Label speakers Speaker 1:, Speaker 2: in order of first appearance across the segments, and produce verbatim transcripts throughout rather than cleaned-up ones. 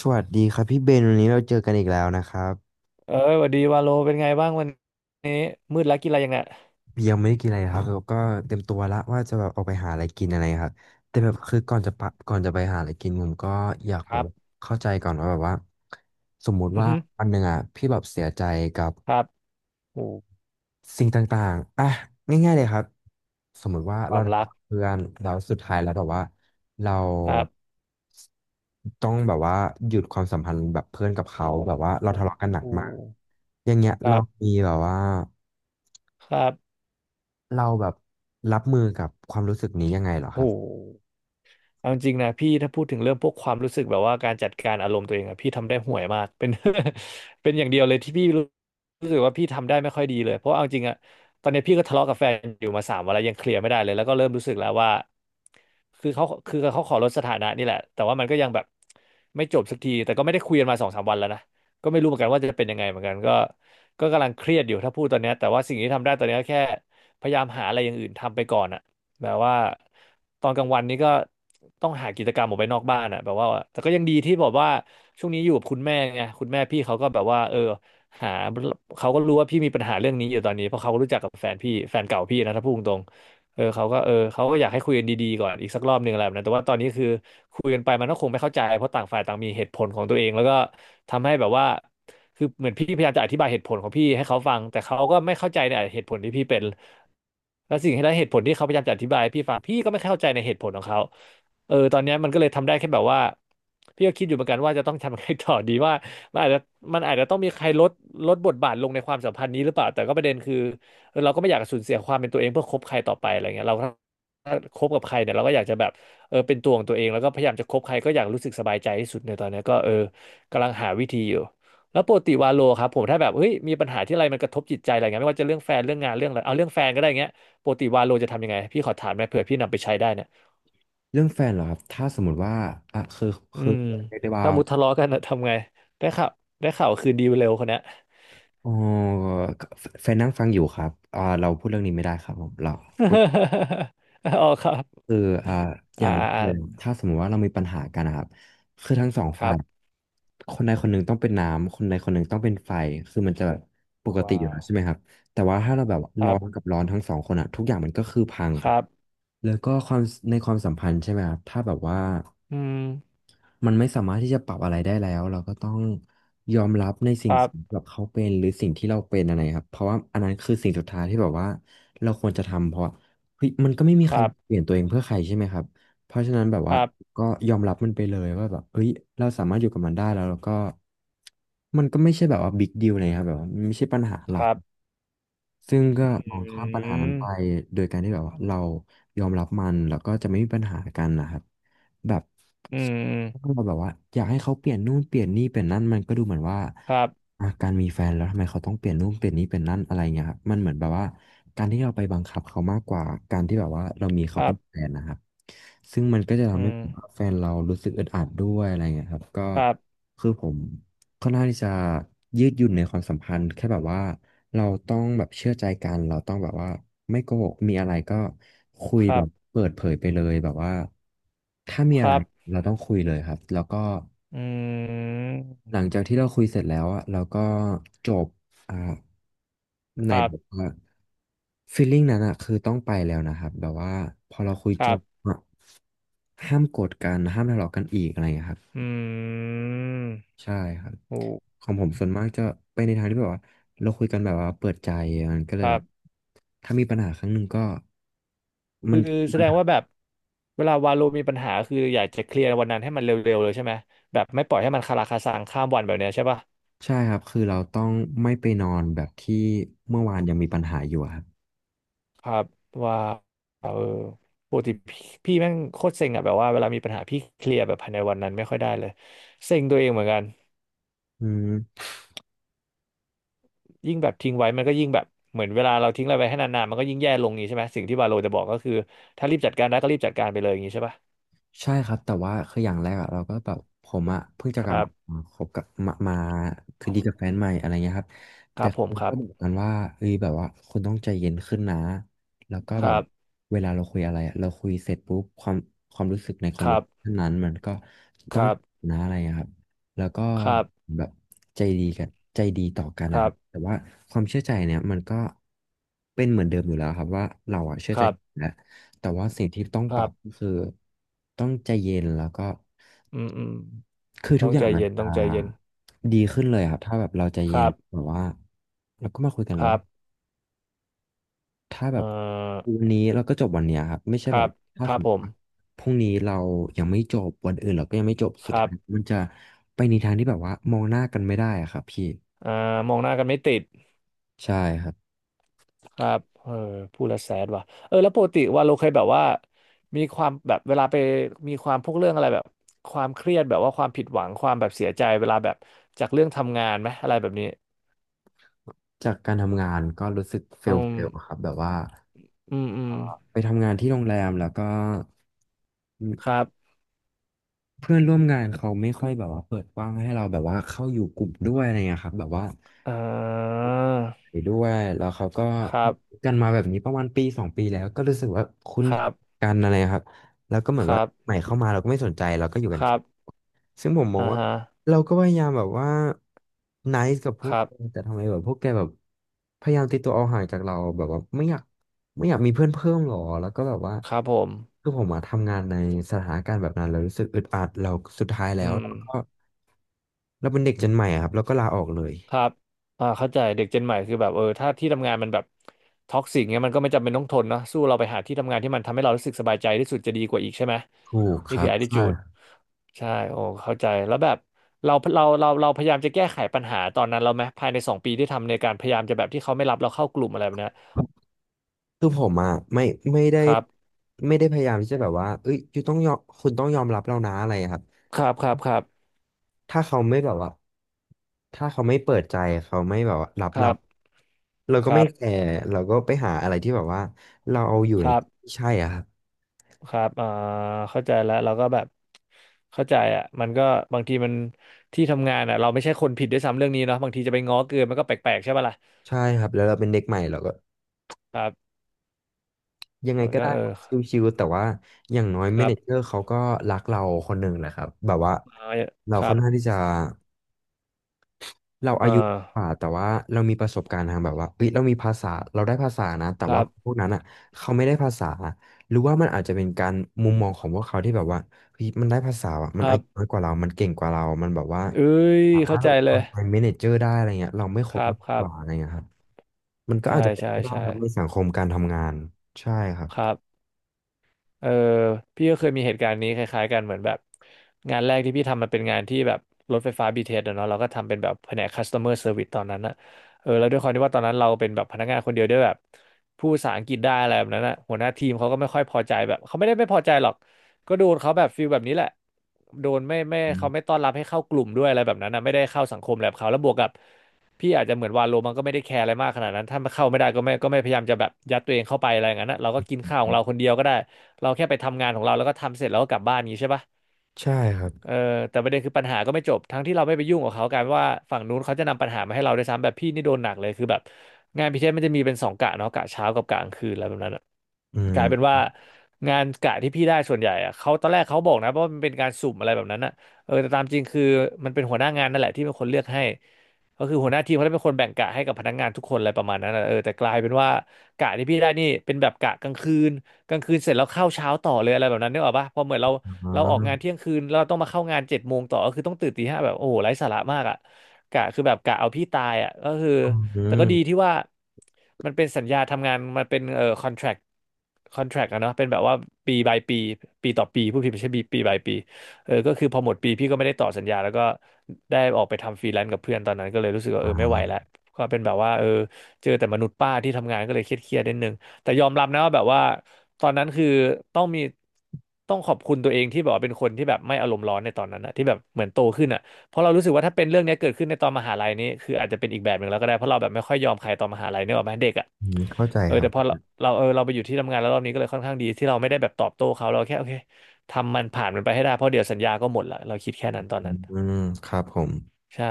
Speaker 1: สวัสดีครับพี่เบนวันนี้เราเจอกันอีกแล้วนะครับ
Speaker 2: เอ้ยสวัสดีวาโลเป็นไงบ้างวันนี้มืดแล้วกินอะไรยังเนี่ย
Speaker 1: ยังไม่ได้กินอะไรครับแล้วก็เตรียมตัวละว่าจะแบบออกไปหาอะไรกินอะไรครับแต่แบบคือก่อนจะปะก่อนจะไปหาอะไรกินผมก็อยาก
Speaker 2: ค
Speaker 1: แบ
Speaker 2: รั
Speaker 1: บ
Speaker 2: บ
Speaker 1: เข้าใจก่อนว่าแบบว่าสมมุติ
Speaker 2: อือ
Speaker 1: ว่า
Speaker 2: ฮึ
Speaker 1: วันหนึ่งอ่ะพี่แบบเสียใจกับ
Speaker 2: ครับโอ้
Speaker 1: สิ่งต่างๆอ่ะง่ายๆเลยครับสมมุติว่า
Speaker 2: ค
Speaker 1: เรา
Speaker 2: วาม
Speaker 1: ทะ
Speaker 2: รั
Speaker 1: เลาะ
Speaker 2: ก
Speaker 1: กับเพื่อนแล้วสุดท้ายแล้วแบบว่าเรา
Speaker 2: ครับ
Speaker 1: ต้องแบบว่าหยุดความสัมพันธ์แบบเพื่อนกับเขาแบบว่าเรา
Speaker 2: โอ้
Speaker 1: ทะเลาะกันหนั
Speaker 2: โห
Speaker 1: กมากอย่างเงี้ย
Speaker 2: ครั
Speaker 1: เรา
Speaker 2: บ
Speaker 1: มีแบบว่า
Speaker 2: ครับ
Speaker 1: เราแบบรับมือกับความรู้สึกนี้ยังไงเหรอค
Speaker 2: โอ้
Speaker 1: รับ
Speaker 2: โห เอาจริงนะพี่ถ้าพูดถึงเรื่องพวกความรู้สึกแบบว่าการจัดการอารมณ์ตัวเองอะพี่ทำได้ห่วยมากเป็น เป็นอย่างเดียวเลยที่พี่รู้รู้สึกว่าพี่ทำได้ไม่ค่อยดีเลยเพราะว่าเอาจริงอะตอนนี้พี่ก็ทะเลาะกับแฟนอยู่มาสามวันแล้วยังเคลียร์ไม่ได้เลยแล้วก็เริ่มรู้สึกแล้วว่าคือเขาคือเขาขอลดสถานะนี่แหละแต่ว่ามันก็ยังแบบไม่จบสักทีแต่ก็ไม่ได้คุยกันมาสองสามวันแล้วนะก็ไม่รู้เหมือนกันว่าจะเป็นยังไงเหมือนกันก็ก็กำลังเครียดอยู่ถ้าพูดตอนเนี้ยแต่ว่าสิ่งที่ทำได้ตอนเนี้ยก็แค่พยายามหาอะไรอย่างอื่นทำไปก่อนอะ แบบว่าตอนกลางวันนี้ก็ต้องหากิจกรรมออกไปนอกบ้านอ่ะแบบว่าแต่ก็ยังดีที่บอกว่าช่วงนี้อยู่กับคุณแม่ไงคุณแม่พี่เขาก็แบบว่าเออหาเขาก็รู้ว่าพี่มีปัญหาเรื่องนี้อยู่ตอนนี้เพราะเขาก็รู้จักกับแฟนพี่แฟนเก่าพี่นะถ้าพูดตรง เออเขาก็เออเขาก็อยากให้คุยกันดีๆก่อนอีกสักรอบหนึ่งอะไรแบบนั้นแต่ว่าตอนนี้คือคุยกันไปมันก็คงไม่เข้าใจเพราะต่างฝ่ายต่างมีเหตุผลของตัวเองแล้วก็ทำให้แบบว่าคือเหมือนพี่พยายามจะอธิบายเหตุผลของพี่ให้เขาฟังแต่เขาก็ไม่เข้าใจในเหตุผลที่พี่เป็นแล้วสิ่งที่และเหตุผลที่เขาพยายามจะอธิบายให้พี่ฟังพี่ก็ไม่เข้าใจในเหตุผลของเขาเออตอนเนี้ยมันก็เลยทำได้แค่แบบว่าพี่ก็คิดอยู่เหมือนกันว่าจะต้องทำยังไงต่อดีว่ามันอาจจะมันอาจจะต้องมีใครลดลดบทบาทลงในความสัมพันธ์นี้หรือเปล่าแต่ก็ประเด็นคือ เออเราก็ไม่อยากสูญเสียความเป็นตัวเองเพื่อคบใครต่อไปอะไรเงี้ยเราก็ถ้าคบกับใครเนี่ยเราก็อยากจะแบบเออเป็นตัวของตัวเองแล้วก็พยายามจะคบใครก็อยากรู้สึกสบายใจที่สุดในตอนเนี้ยก็เออกำลังหาวิธีอยู่แล้วปกติวาโลครับผมถ้าแบบเฮ้ยมีปัญหาที่อะไรมันกระทบจิตใจอะไรเงี้ยไม่ว่าจะเรื่องแฟนเรื่องงานเรื่องอะไรเอาเรื่องแฟนก็ได้เงี้ยปกติวาโลจะทำยังไงพี่ขอถามหน่อยเผื่อพี่นำไปใช้ได้เนี่ย
Speaker 1: เรื่องแฟนเหรอครับถ้าสมมติว่าอ่ะคือ
Speaker 2: อื
Speaker 1: คือ
Speaker 2: ม
Speaker 1: เรียกได้ว่า
Speaker 2: ถ้ามุดทะเลาะกัน นะทำไงได้ข่าวได้ข่าวคืนดีเร็วคนเนี้ย
Speaker 1: อ๋อแฟนนั่งฟังอยู่ครับอ่าเราพูดเรื่องนี้ไม่ได้ครับผมเราพูด
Speaker 2: อ๋อครับ
Speaker 1: คืออ่าอ
Speaker 2: อ่า
Speaker 1: ย่างแรก
Speaker 2: อ่า
Speaker 1: เลยถ้าสมมติว่าเรามีปัญหากันนะครับคือทั้งสอง
Speaker 2: ค
Speaker 1: ฝ่า
Speaker 2: รั
Speaker 1: ย
Speaker 2: บ
Speaker 1: คนใดคนหนึ่งต้องเป็นน้ำคนใดคนหนึ่งต้องเป็นไฟคือมันจะแบบปกติ
Speaker 2: ว้า
Speaker 1: อยู่แล้
Speaker 2: ว
Speaker 1: วใช่ไหมครับแต่ว่าถ้าเราแบบ
Speaker 2: ค
Speaker 1: ร้อ
Speaker 2: รั
Speaker 1: นกับ
Speaker 2: บ
Speaker 1: ร้อนทั้งสองคนอะทุกอย่างมันก็คือพัง
Speaker 2: ค
Speaker 1: ครั
Speaker 2: รั
Speaker 1: บ
Speaker 2: บ
Speaker 1: แล้วก็ความในความสัมพันธ์ใช่ไหมครับถ้าแบบว่า
Speaker 2: อืม
Speaker 1: มันไม่สามารถที่จะปรับอะไรได้แล้วเราก็ต้องยอมรับใน
Speaker 2: ค
Speaker 1: สิ่ง
Speaker 2: รั
Speaker 1: ที่
Speaker 2: บ
Speaker 1: แบบเขาเป็นหรือสิ่งที่เราเป็นอะไรครับเพราะว่าอันนั้นคือสิ่งสุดท้ายที่แบบว่าเราควรจะทำเพราะเฮ้ยมันก็ไม่มี
Speaker 2: ค
Speaker 1: ใคร
Speaker 2: รับ
Speaker 1: เปลี่ยนตัวเองเพื่อใครใช่ไหมครับเพราะฉะนั้นแบบ
Speaker 2: ค
Speaker 1: ว่า
Speaker 2: รับ
Speaker 1: ก็ยอมรับมันไปเลยว่าแบบเฮ้ยเราสามารถอยู่กับมันได้แล้วแล้วก็มันก็ไม่ใช่แบบว่าบิ๊กดีลเลยครับแบบว่ามันไม่ใช่ปัญหา
Speaker 2: ค
Speaker 1: หลัก
Speaker 2: รับ
Speaker 1: ซึ่งก็
Speaker 2: อื
Speaker 1: มองข้ามปัญหานั้นไป
Speaker 2: ม
Speaker 1: โดยการที่แบบว่าเรายอมรับมันแล้วก็จะไม่มีปัญหากันนะครับแบบ
Speaker 2: อื
Speaker 1: ถ้า
Speaker 2: ม
Speaker 1: เราแบบว่าอยากให้เขาเปลี่ยนนู่นเปลี่ยนนี่เปลี่ยนนั่นมันก็ดูเหมือนว่า
Speaker 2: ครับ
Speaker 1: อ่ะการมีแฟนแล้วทำไมเขาต้องเปลี่ยนนู่นเปลี่ยนนี่เปลี่ยนนั่นอะไรเงี้ยครับมันเหมือนแบบว่าการที่เราไปบังคับเขามากกว่าการที่แบบว่าเรามี
Speaker 2: ค
Speaker 1: เขา
Speaker 2: รั
Speaker 1: เป็
Speaker 2: บ
Speaker 1: นแฟนนะครับซึ่งมันก็จะ
Speaker 2: อื
Speaker 1: ทำให้
Speaker 2: ม
Speaker 1: ผมกับแฟนเรารู้สึกอึดอัดด้วยอะไรเงี้ยครับก็
Speaker 2: ครับ
Speaker 1: คือผม ค่อนข้างที่จะยืดหยุ่นในความสัมพันธ์แค่แบบว่าเราต้องแบบเชื่อใจกันเราต้องแบบว่าไม่โกหกมีอะไรก็คุย
Speaker 2: ครั
Speaker 1: แบบ
Speaker 2: บ
Speaker 1: เปิดเผยไปเลยแบบว่าถ้ามี
Speaker 2: ค
Speaker 1: อะไร
Speaker 2: รับ
Speaker 1: เราต้องคุยเลยครับแล้วก็
Speaker 2: อืม
Speaker 1: หลังจากที่เราคุยเสร็จแล้วอะเราก็จบอ่าใน
Speaker 2: ครั
Speaker 1: แบบ
Speaker 2: บ
Speaker 1: ว่าฟีลลิ่งนั้นอะคือต้องไปแล้วนะครับแบบว่าพอเราคุย
Speaker 2: ค
Speaker 1: จ
Speaker 2: รั
Speaker 1: บ
Speaker 2: บ
Speaker 1: อะห้ามโกรธกันห้ามทะเลาะกันอีกอะไรอย่างเงี้ยครับ
Speaker 2: อืม
Speaker 1: ใช่ครับ
Speaker 2: โอ้
Speaker 1: ของผมส่วนมากจะไปในทางที่แบบว่าเราคุยกันแบบว่าเปิดใจมันก็เล
Speaker 2: ค
Speaker 1: ย
Speaker 2: รั
Speaker 1: แบบ
Speaker 2: บ
Speaker 1: ถ้ามีปัญหาครั้งหนึ่งก็มั
Speaker 2: คือ
Speaker 1: นมี
Speaker 2: แส
Speaker 1: ปัญ
Speaker 2: ดง
Speaker 1: หา
Speaker 2: ว่าแบบเวลาวาโลมีปัญหาคืออยากจะเคลียร์วันนั้นให้มันเร็วๆเลยใช่ไหมแบบไม่ปล่อยให้มันคาราคาซังข้ามวันแบบเนี้ยใช่ป่ะ
Speaker 1: ใช่ครับคือเราต้องไม่ไปนอนแบบที่เมื่อวานยังมีปัญหาอยู่อะครับ
Speaker 2: ครับว่าเออปกติพี่พี่แม่งโคตรเซ็งอะแบบว่าเวลามีปัญหาพี่เคลียร์แบบภายในวันนั้นไม่ค่อยได้เลยเซ็งตัวเองเหมือนกัน
Speaker 1: อืม
Speaker 2: ยิ่งแบบทิ้งไว้มันก็ยิ่งแบบเหมือนเวลาเราทิ้งอะไรไว้ให้นานๆมันก็ยิ่งแย่ลงนี้ใช่ไหมสิ่งที่วาโลจะบอกก็คือถ้ารีบจัดการได้ก็รีบจัดการไปเลยอย่างนี้ใช่ปะ
Speaker 1: ใช่ครับแต่ว่าคืออย่างแรกอะเราก็แบบผมอะเพิ่งจะ
Speaker 2: ค
Speaker 1: กลับ
Speaker 2: รั
Speaker 1: มา
Speaker 2: บ
Speaker 1: คบกับมามาคืนดีกับแฟนใหม่อะไรเงี้ยครับ
Speaker 2: ค
Speaker 1: แต่
Speaker 2: รับผม
Speaker 1: คือ
Speaker 2: ครั
Speaker 1: ก็
Speaker 2: บ
Speaker 1: บอกกันว่าเอ้ยแบบว่าคุณต้องใจเย็นขึ้นนะแล้วก็
Speaker 2: ค
Speaker 1: แบ
Speaker 2: รั
Speaker 1: บ
Speaker 2: บ
Speaker 1: เวลาเราคุยอะไรอะเราคุยเสร็จปุ๊บความความรู้สึกในคอ
Speaker 2: ค
Speaker 1: นเว
Speaker 2: รั
Speaker 1: อร์
Speaker 2: บ
Speaker 1: ชันนั้นมันก็
Speaker 2: ค
Speaker 1: ต้อง
Speaker 2: รับ
Speaker 1: นะอะไรอะครับ แล้วก็
Speaker 2: ครับ
Speaker 1: แบบใจดีกันใจดีต่อกัน
Speaker 2: ค
Speaker 1: นะ
Speaker 2: รั
Speaker 1: ครับ
Speaker 2: บ
Speaker 1: แต่ว่าความเชื่อใจเนี่ยมันก็เป็นเหมือนเดิมอยู่แล้วครับว่าเราอะเชื่อ
Speaker 2: ค
Speaker 1: ใจ
Speaker 2: รั
Speaker 1: กัน
Speaker 2: บ
Speaker 1: แล้วแต่ว่าสิ่งที่ต้อง
Speaker 2: ค
Speaker 1: ป
Speaker 2: รั
Speaker 1: รับก็
Speaker 2: บ
Speaker 1: คือต้องใจเย็นแล้วก็
Speaker 2: อืมอืม
Speaker 1: คือ
Speaker 2: ต้
Speaker 1: ทุก
Speaker 2: อง
Speaker 1: อ
Speaker 2: ใจ
Speaker 1: ย่างมัน
Speaker 2: เย็น
Speaker 1: จะ
Speaker 2: ต้องใจเย็น
Speaker 1: ดีขึ้นเลยครับถ้าแบบเราใจ
Speaker 2: ค
Speaker 1: เย็น
Speaker 2: รับ
Speaker 1: แบบว่าเราก็มาคุยกัน
Speaker 2: ค
Speaker 1: แล้ว
Speaker 2: รั
Speaker 1: ว่า
Speaker 2: บ
Speaker 1: ถ้าแบ
Speaker 2: เอ่
Speaker 1: บ
Speaker 2: อ
Speaker 1: วันนี้เราก็จบวันเนี้ยครับไม่ใช่
Speaker 2: ค
Speaker 1: แบ
Speaker 2: รั
Speaker 1: บ
Speaker 2: บ
Speaker 1: ถ้า
Speaker 2: ค
Speaker 1: ส
Speaker 2: รับ
Speaker 1: มม
Speaker 2: ผ
Speaker 1: ติว่า
Speaker 2: ม
Speaker 1: พรุ่งนี้เรายังไม่จบวันอื่นเราก็ยังไม่จบ
Speaker 2: ค
Speaker 1: สุด
Speaker 2: รั
Speaker 1: ท้า
Speaker 2: บ
Speaker 1: ยมันจะไปในทางที่แบบว่ามองหน้ากันไม่ได้อะครับพี่
Speaker 2: อ่ามองหน้ากันไม่ติด
Speaker 1: ใช่ครับ
Speaker 2: ครับเออพูดแล้วแสดว่ะเออแล้วปกติว่าเราเคยแบบว่ามีความแบบเวลาไปมีความพวกเรื่องอะไรแบบความเครียดแบบว่าความผิดหวัง ความแบบเสียใจเวลาแบบจากเรื่องทำงานไหมอะไรแบบนี้
Speaker 1: จากการทำงานก็รู้สึกเฟ
Speaker 2: อื
Speaker 1: ลเฟลครั
Speaker 2: ม
Speaker 1: บแบบว่า
Speaker 2: อืมอืม
Speaker 1: ไปทำงานที่โรงแรมแล้วก็
Speaker 2: ครับ
Speaker 1: เพื่อนร่วมงานเขาไม่ค่อยแบบว่าเปิดกว้างให้เราแบบว่าเข้าอยู่กลุ่มด้วยอะไรเงี้ยครับแบบว่า
Speaker 2: อ่า
Speaker 1: ไปด้วยแล้วเขาก็
Speaker 2: ครับ
Speaker 1: กันมาแบบนี้ประมาณปีสองปีแล้วก็รู้สึกว่าคุ้น
Speaker 2: ครับ
Speaker 1: กันอะไรครับแล้วก็เหมือ
Speaker 2: ค
Speaker 1: น
Speaker 2: รั
Speaker 1: ว่าให
Speaker 2: บ
Speaker 1: ม่เข้ามาเราก็ไม่สนใจเราก็อยู่
Speaker 2: ค
Speaker 1: กัน
Speaker 2: รั
Speaker 1: แค่
Speaker 2: บ
Speaker 1: ซึ่งผมมอง
Speaker 2: อ่า
Speaker 1: ว่า
Speaker 2: ฮะ
Speaker 1: เราก็พยายามแบบว่า nice กับพ
Speaker 2: ค
Speaker 1: วก
Speaker 2: รั
Speaker 1: แก
Speaker 2: บ
Speaker 1: แต่ทำไมแบบพวกแกแบบพยายามตีตัวเอาห่างจากเราแบบว่าไม่อยากไม่อยากมีเพื่อนเพิ่มหรอแล้วก็แบบว่า
Speaker 2: ครับผม
Speaker 1: คือผมมาทำงานในสถานการณ์แบบนั้นเรารู้สึกอึดอัดเราสุดท้ายแล้
Speaker 2: อื
Speaker 1: ว
Speaker 2: ม
Speaker 1: เราก็เราเป็นเด็กเจนใหม่อะครับเราก็ลาออกเลย
Speaker 2: ครับอ่าเข้าใจเด็กเจนใหม่คือแบบเออถ้าที่ทำงานมันแบบท็อกซิกเงี้ยมันก็ไม่จำเป็นต้องทนเนอะสู้เราไปหาที่ทำงานที่มันทำให้เรารู้สึกสบายใจที่สุดจะดีกว่าอีกใช่ไหม
Speaker 1: ถูกค
Speaker 2: นี่
Speaker 1: รั
Speaker 2: คือ
Speaker 1: บใช่
Speaker 2: attitude ใช่โอ้เข้าใจแล้วแบบเราเราเราเราพยายามจะแก้ไขปัญหาตอนนั้นเราไหมภายในสองปีที่ทำในการพยายามจะแบบที่เขาไม่รับเราเข้ากลุ่มอะไรแบบเนี้ย
Speaker 1: คือผมอ่ะไม่ไม่ได้
Speaker 2: ครับ
Speaker 1: ไม่ได้พยายามที่จะแบบว่าเอ้ยคุณต้องยอมคุณต้องยอมรับเรานะอะไรอะครับ
Speaker 2: ครับครับครับ
Speaker 1: ถ้าเขาไม่แบบว่าถ้าเขาไม่เปิดใจเขาไม่แบบว่ารับ
Speaker 2: ครั
Speaker 1: เรา
Speaker 2: บ
Speaker 1: เรา
Speaker 2: ค
Speaker 1: ก็
Speaker 2: รั
Speaker 1: ไม่
Speaker 2: บ
Speaker 1: แคร์เราก็ไปหาอะไรที่แบบว่าเราเอาอยู่
Speaker 2: ค
Speaker 1: ใน
Speaker 2: รั
Speaker 1: ท
Speaker 2: บ
Speaker 1: ี่ใช่อะครับ
Speaker 2: ครับอ่าเข้าใจแล้วเราก็แบบเข้าใจอ่ะมันก็บางทีมันที่ทำงานอ่ะเราไม่ใช่คนผิดด้วยซ้ำเรื่องนี้เนาะบางทีจะไปง้อเกินมันก็แปลกๆใช่ป่ะล่ะ
Speaker 1: ใช่ครับแล้วเราเป็นเด็กใหม่เราก็
Speaker 2: ครับ
Speaker 1: ยังไง
Speaker 2: มัน
Speaker 1: ก็
Speaker 2: ก็
Speaker 1: ได้
Speaker 2: เออ
Speaker 1: ชิวๆแต่ว่าอย่างน้อย
Speaker 2: ค
Speaker 1: เม
Speaker 2: รั
Speaker 1: เนเจอ
Speaker 2: บ
Speaker 1: ร์เขาก็รักเราคนหนึ่งแหละครับแบบว่า
Speaker 2: อ่า
Speaker 1: เรา
Speaker 2: ครั
Speaker 1: ค่อน
Speaker 2: บ
Speaker 1: ข้างที่จะ เราอา
Speaker 2: อ่
Speaker 1: ยุก
Speaker 2: า
Speaker 1: ว่าแต่ว่าเรามีประสบการณ์ทางแบบว่าเอ้ยเรามีภาษาเราได้ภาษานะแต่
Speaker 2: ครั
Speaker 1: ว่าพว
Speaker 2: บ
Speaker 1: กนั้นอ่ะเขาไม่ได้ภาษาหรือว่ามันอาจจะเป็นการมุมมองของพวกเขาที่แบบว่าเฮ้ยมันได้ภาษาอะ
Speaker 2: ค
Speaker 1: มัน
Speaker 2: รั
Speaker 1: อายุน้อ
Speaker 2: บ
Speaker 1: ยกว่าเรามันเก่งกว่าเรามันแบบว่า
Speaker 2: เอ้ย
Speaker 1: สามา
Speaker 2: เข้า
Speaker 1: รถแบ
Speaker 2: ใจ
Speaker 1: บ
Speaker 2: เลย
Speaker 1: เป็น manager ได้อะไรเงี้ยเราไม่ค
Speaker 2: ค
Speaker 1: รบ
Speaker 2: รับ
Speaker 1: มาก
Speaker 2: ครั
Speaker 1: ก
Speaker 2: บ
Speaker 1: ว่าอะไรเงี้ยครับมันก็
Speaker 2: ใช่
Speaker 1: อาจจะเป็น
Speaker 2: ใช่
Speaker 1: ไปได้
Speaker 2: ใช่
Speaker 1: ครับในสังคมการทำงานใช่ครับ
Speaker 2: ครับ เออพี่ก็เคยมีเหตุการณ์นี้คล้ายๆกันเหมือนแบบงานแรกที่พี่ทำมันเป็นงานที่แบบรถไฟฟ้า บี ที เอสอะเนาะเราก็ทำเป็นแบบแผนก ซี ยู เมอร์เซอร์วิสตอนนั้นอะเออแล้วด้วยความที่ว่าตอนนั้นเราเป็นแบบพนักงานคนเดียวด้วยแบบพูดภาษาอังกฤษได้อะไรแบบนั้นอะหัวหน้าทีมเขาก็ไม่ค่อยพอใจแบบเขาไม่ได้ไม่พอใจหรอก ก็โดนเขาแบบฟีลแบบนี้แหละโดนไม่ไม่
Speaker 1: อื
Speaker 2: เขา
Speaker 1: ม
Speaker 2: ไม่ต้อนรับให้เข้ากลุ่มด้วยอะไรแบบนั้นนะไม่ได้เข้าสังคมแบบเขาแล้วบวกกับพี่อาจจะเหมือนวาโลมันก็ไม่ได้แคร์อะไรมากขนาดนั้นถ้าเข้าไม่ได้ก็ไม่ก็ไม่พยายามจะแบบยัดตัวเองเข้าไปอะไรอย่างนั้นนะเราก็กินข้าวของเราคนเดียวก็ได้เราแค่ไปทำงานของเราแล้วก็ทำเสร็จแล้วก็กลับบ้านอย่างนี้ใช่ปะ
Speaker 1: ใช่ครับ
Speaker 2: เออแต่ประเด็นคือปัญหาก็ไม่จบทั้งที่เราไม่ไปยุ่งกับเขากลายเป็นว่าฝั่งนู้นเขาจะนำปัญหามาให้เราด้วยซ้ำแบบพี่นี่โดนหนักเลยคือแบบงานพิเศษมันจะมีเป็นสองกะเนาะกะเช้ากับกะกลางคืนอะไรแบบนั้นอะ
Speaker 1: อื
Speaker 2: กลายเป็น
Speaker 1: ม
Speaker 2: ว่างานกะที่พี่ได้ส่วนใหญ่อะเขาตอนแรกเขาบอกนะว่ามันเป็นการสุ่มอะไรแบบนั้นอะเออแต่ตามจริงคือมันเป็นหัวหน้างานนั่นแหละที่เป็นคนเลือกให้ก็คือหัวหน้าทีมเขาได้เป็นคนแบ่งกะให้กับพนักงานทุกคนอะไรประมาณนั้นอะเออแต่กลายเป็นว่ากะที่พี่ได้นี่เป็นแบบกะกลางคืน กลางคืนเสร็จแล้วเข้าเช้าต่อเลยอะไรแบบนั้นนึกออกปะพอเหมือนเรา
Speaker 1: อ๋อ
Speaker 2: เราออกงานเที่ยงคืนแล้วเราต้องมาเข้างานเจ็ดโมงต่อก็คือต้องตื่นตีห้าแบบโอ้โหไร้สาระมากอ่ะกะคือแบบกะเอาพี่ตายอ่ะก็คือ
Speaker 1: อื
Speaker 2: แต่ก็ดี
Speaker 1: ม
Speaker 2: ที่ว่ามันเป็นสัญญาทำงานมันเป็นเอ่อคอนแทรคคอนแทรคอะเนาะเป็นแบบว่าปีบายปีปีต่อปีผู้พิดไม่ใช่ปีปีบายปีเออก็คือพอหมดปีพี่ก็ไม่ได้ต่อสัญญาแล้วก็ได้ออกไปทำฟรีแลนซ์กับเพื่อนตอนนั้นก็เลยรู้สึกว่า
Speaker 1: อ่
Speaker 2: เออไม่ไหวแล้ว
Speaker 1: า
Speaker 2: ก็เป็นแบบว่าเออเจอแต่มนุษย์ป้าที่ทำงานก็เลยเครียดๆนิดนึง แต่ยอมรับนะว่าแบบว่าตอนนั้นคือต้องมีต้องขอบคุณตัวเองที่แบบว่าเป็นคนที่แบบไม่อารมณ์ร้อนในตอนนั้นนะที่แบบเหมือนโตขึ้นอ่ะเพราะเรารู้สึกว่าถ้าเป็นเรื่องเนี้ยเกิดขึ้นในตอนมหาลัยนี้คืออาจจะเป็นอีกแบบหนึ่งแล้วก็ได้เพราะเราแบบไม่ค่อยยอมใครตอนมหาลัยเนกอะแม้เด็กอ่ะ
Speaker 1: อืมเข้าใจ
Speaker 2: เออ
Speaker 1: ครับ
Speaker 2: แต่พอเราเราเออเราไปอยู่ที่ทำงานแล้วรอบนี้ก็เลยค่อนข้างดีที่เราไม่ได้แบบตอบโต้เขาเราแค่โอเคทำมันผ่านมันไปให้ได้เพราะเดี๋ยวสัญญาก็หมดละเราคิดแค่นั้นตอน
Speaker 1: อ
Speaker 2: นั้น
Speaker 1: ืมครับผม
Speaker 2: ใช่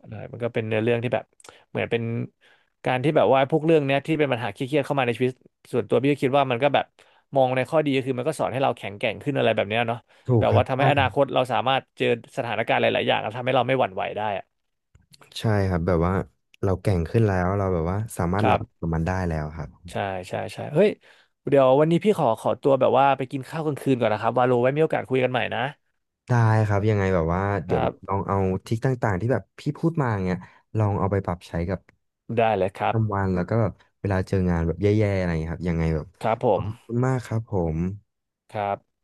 Speaker 2: อะไรมันก็เป็นเนื้อเรื่องที่แบบเหมือนเป็นการที่แบบว่าพวกเรื่องเนี้ยที่เป็นปัญหาเครียดๆเข้ามาในชีวิตส่วนตัวพี่ก็คิดว่ามันก็แบบมองในข้อดีก็คือมันก็สอนให้เราแข็งแกร่งขึ้นอะไรแบบเนี้ยเนาะ
Speaker 1: ถูก
Speaker 2: แบบ
Speaker 1: ครั
Speaker 2: ว่า
Speaker 1: บ
Speaker 2: ทำให้
Speaker 1: ใช่
Speaker 2: อนาคตเราสามารถเจอสถานการณ์หลายๆอย่างแล้วทำให้เราไม่หวั่นไหวได้อะ
Speaker 1: ใช่ครับแบบว่าเราแก่งขึ้นแล้วเราแบบว่าสามาร
Speaker 2: ค
Speaker 1: ถ
Speaker 2: รั
Speaker 1: รับ
Speaker 2: บ
Speaker 1: กับมันได้แล้วครับ
Speaker 2: ใช่ใช่ใช่เฮ้ยเดี๋ยววันนี้พี่ขอขอตัวแบบว่าไปกินข้าวกลางคืนก่อนนะครับวาโลไว้มีโอกาสคุยกันใหม่นะ
Speaker 1: ได้ครับยังไงแบบว่า
Speaker 2: ค
Speaker 1: เดี๋ยว
Speaker 2: รั
Speaker 1: แบบล
Speaker 2: บ
Speaker 1: องเอาทริคต่างๆที่แบบพี่พูดมาเงี้ยลองเอาไปปรับใช้กับ
Speaker 2: ได้เลยครับ
Speaker 1: ทำวันแล้วก็แบบเวลาเจองานแบบแย่ๆอะไรอย่างเงี้ยครับยังไงแบบ
Speaker 2: ครับผ
Speaker 1: ขอ
Speaker 2: ม
Speaker 1: บคุณมากครับผม
Speaker 2: ครับ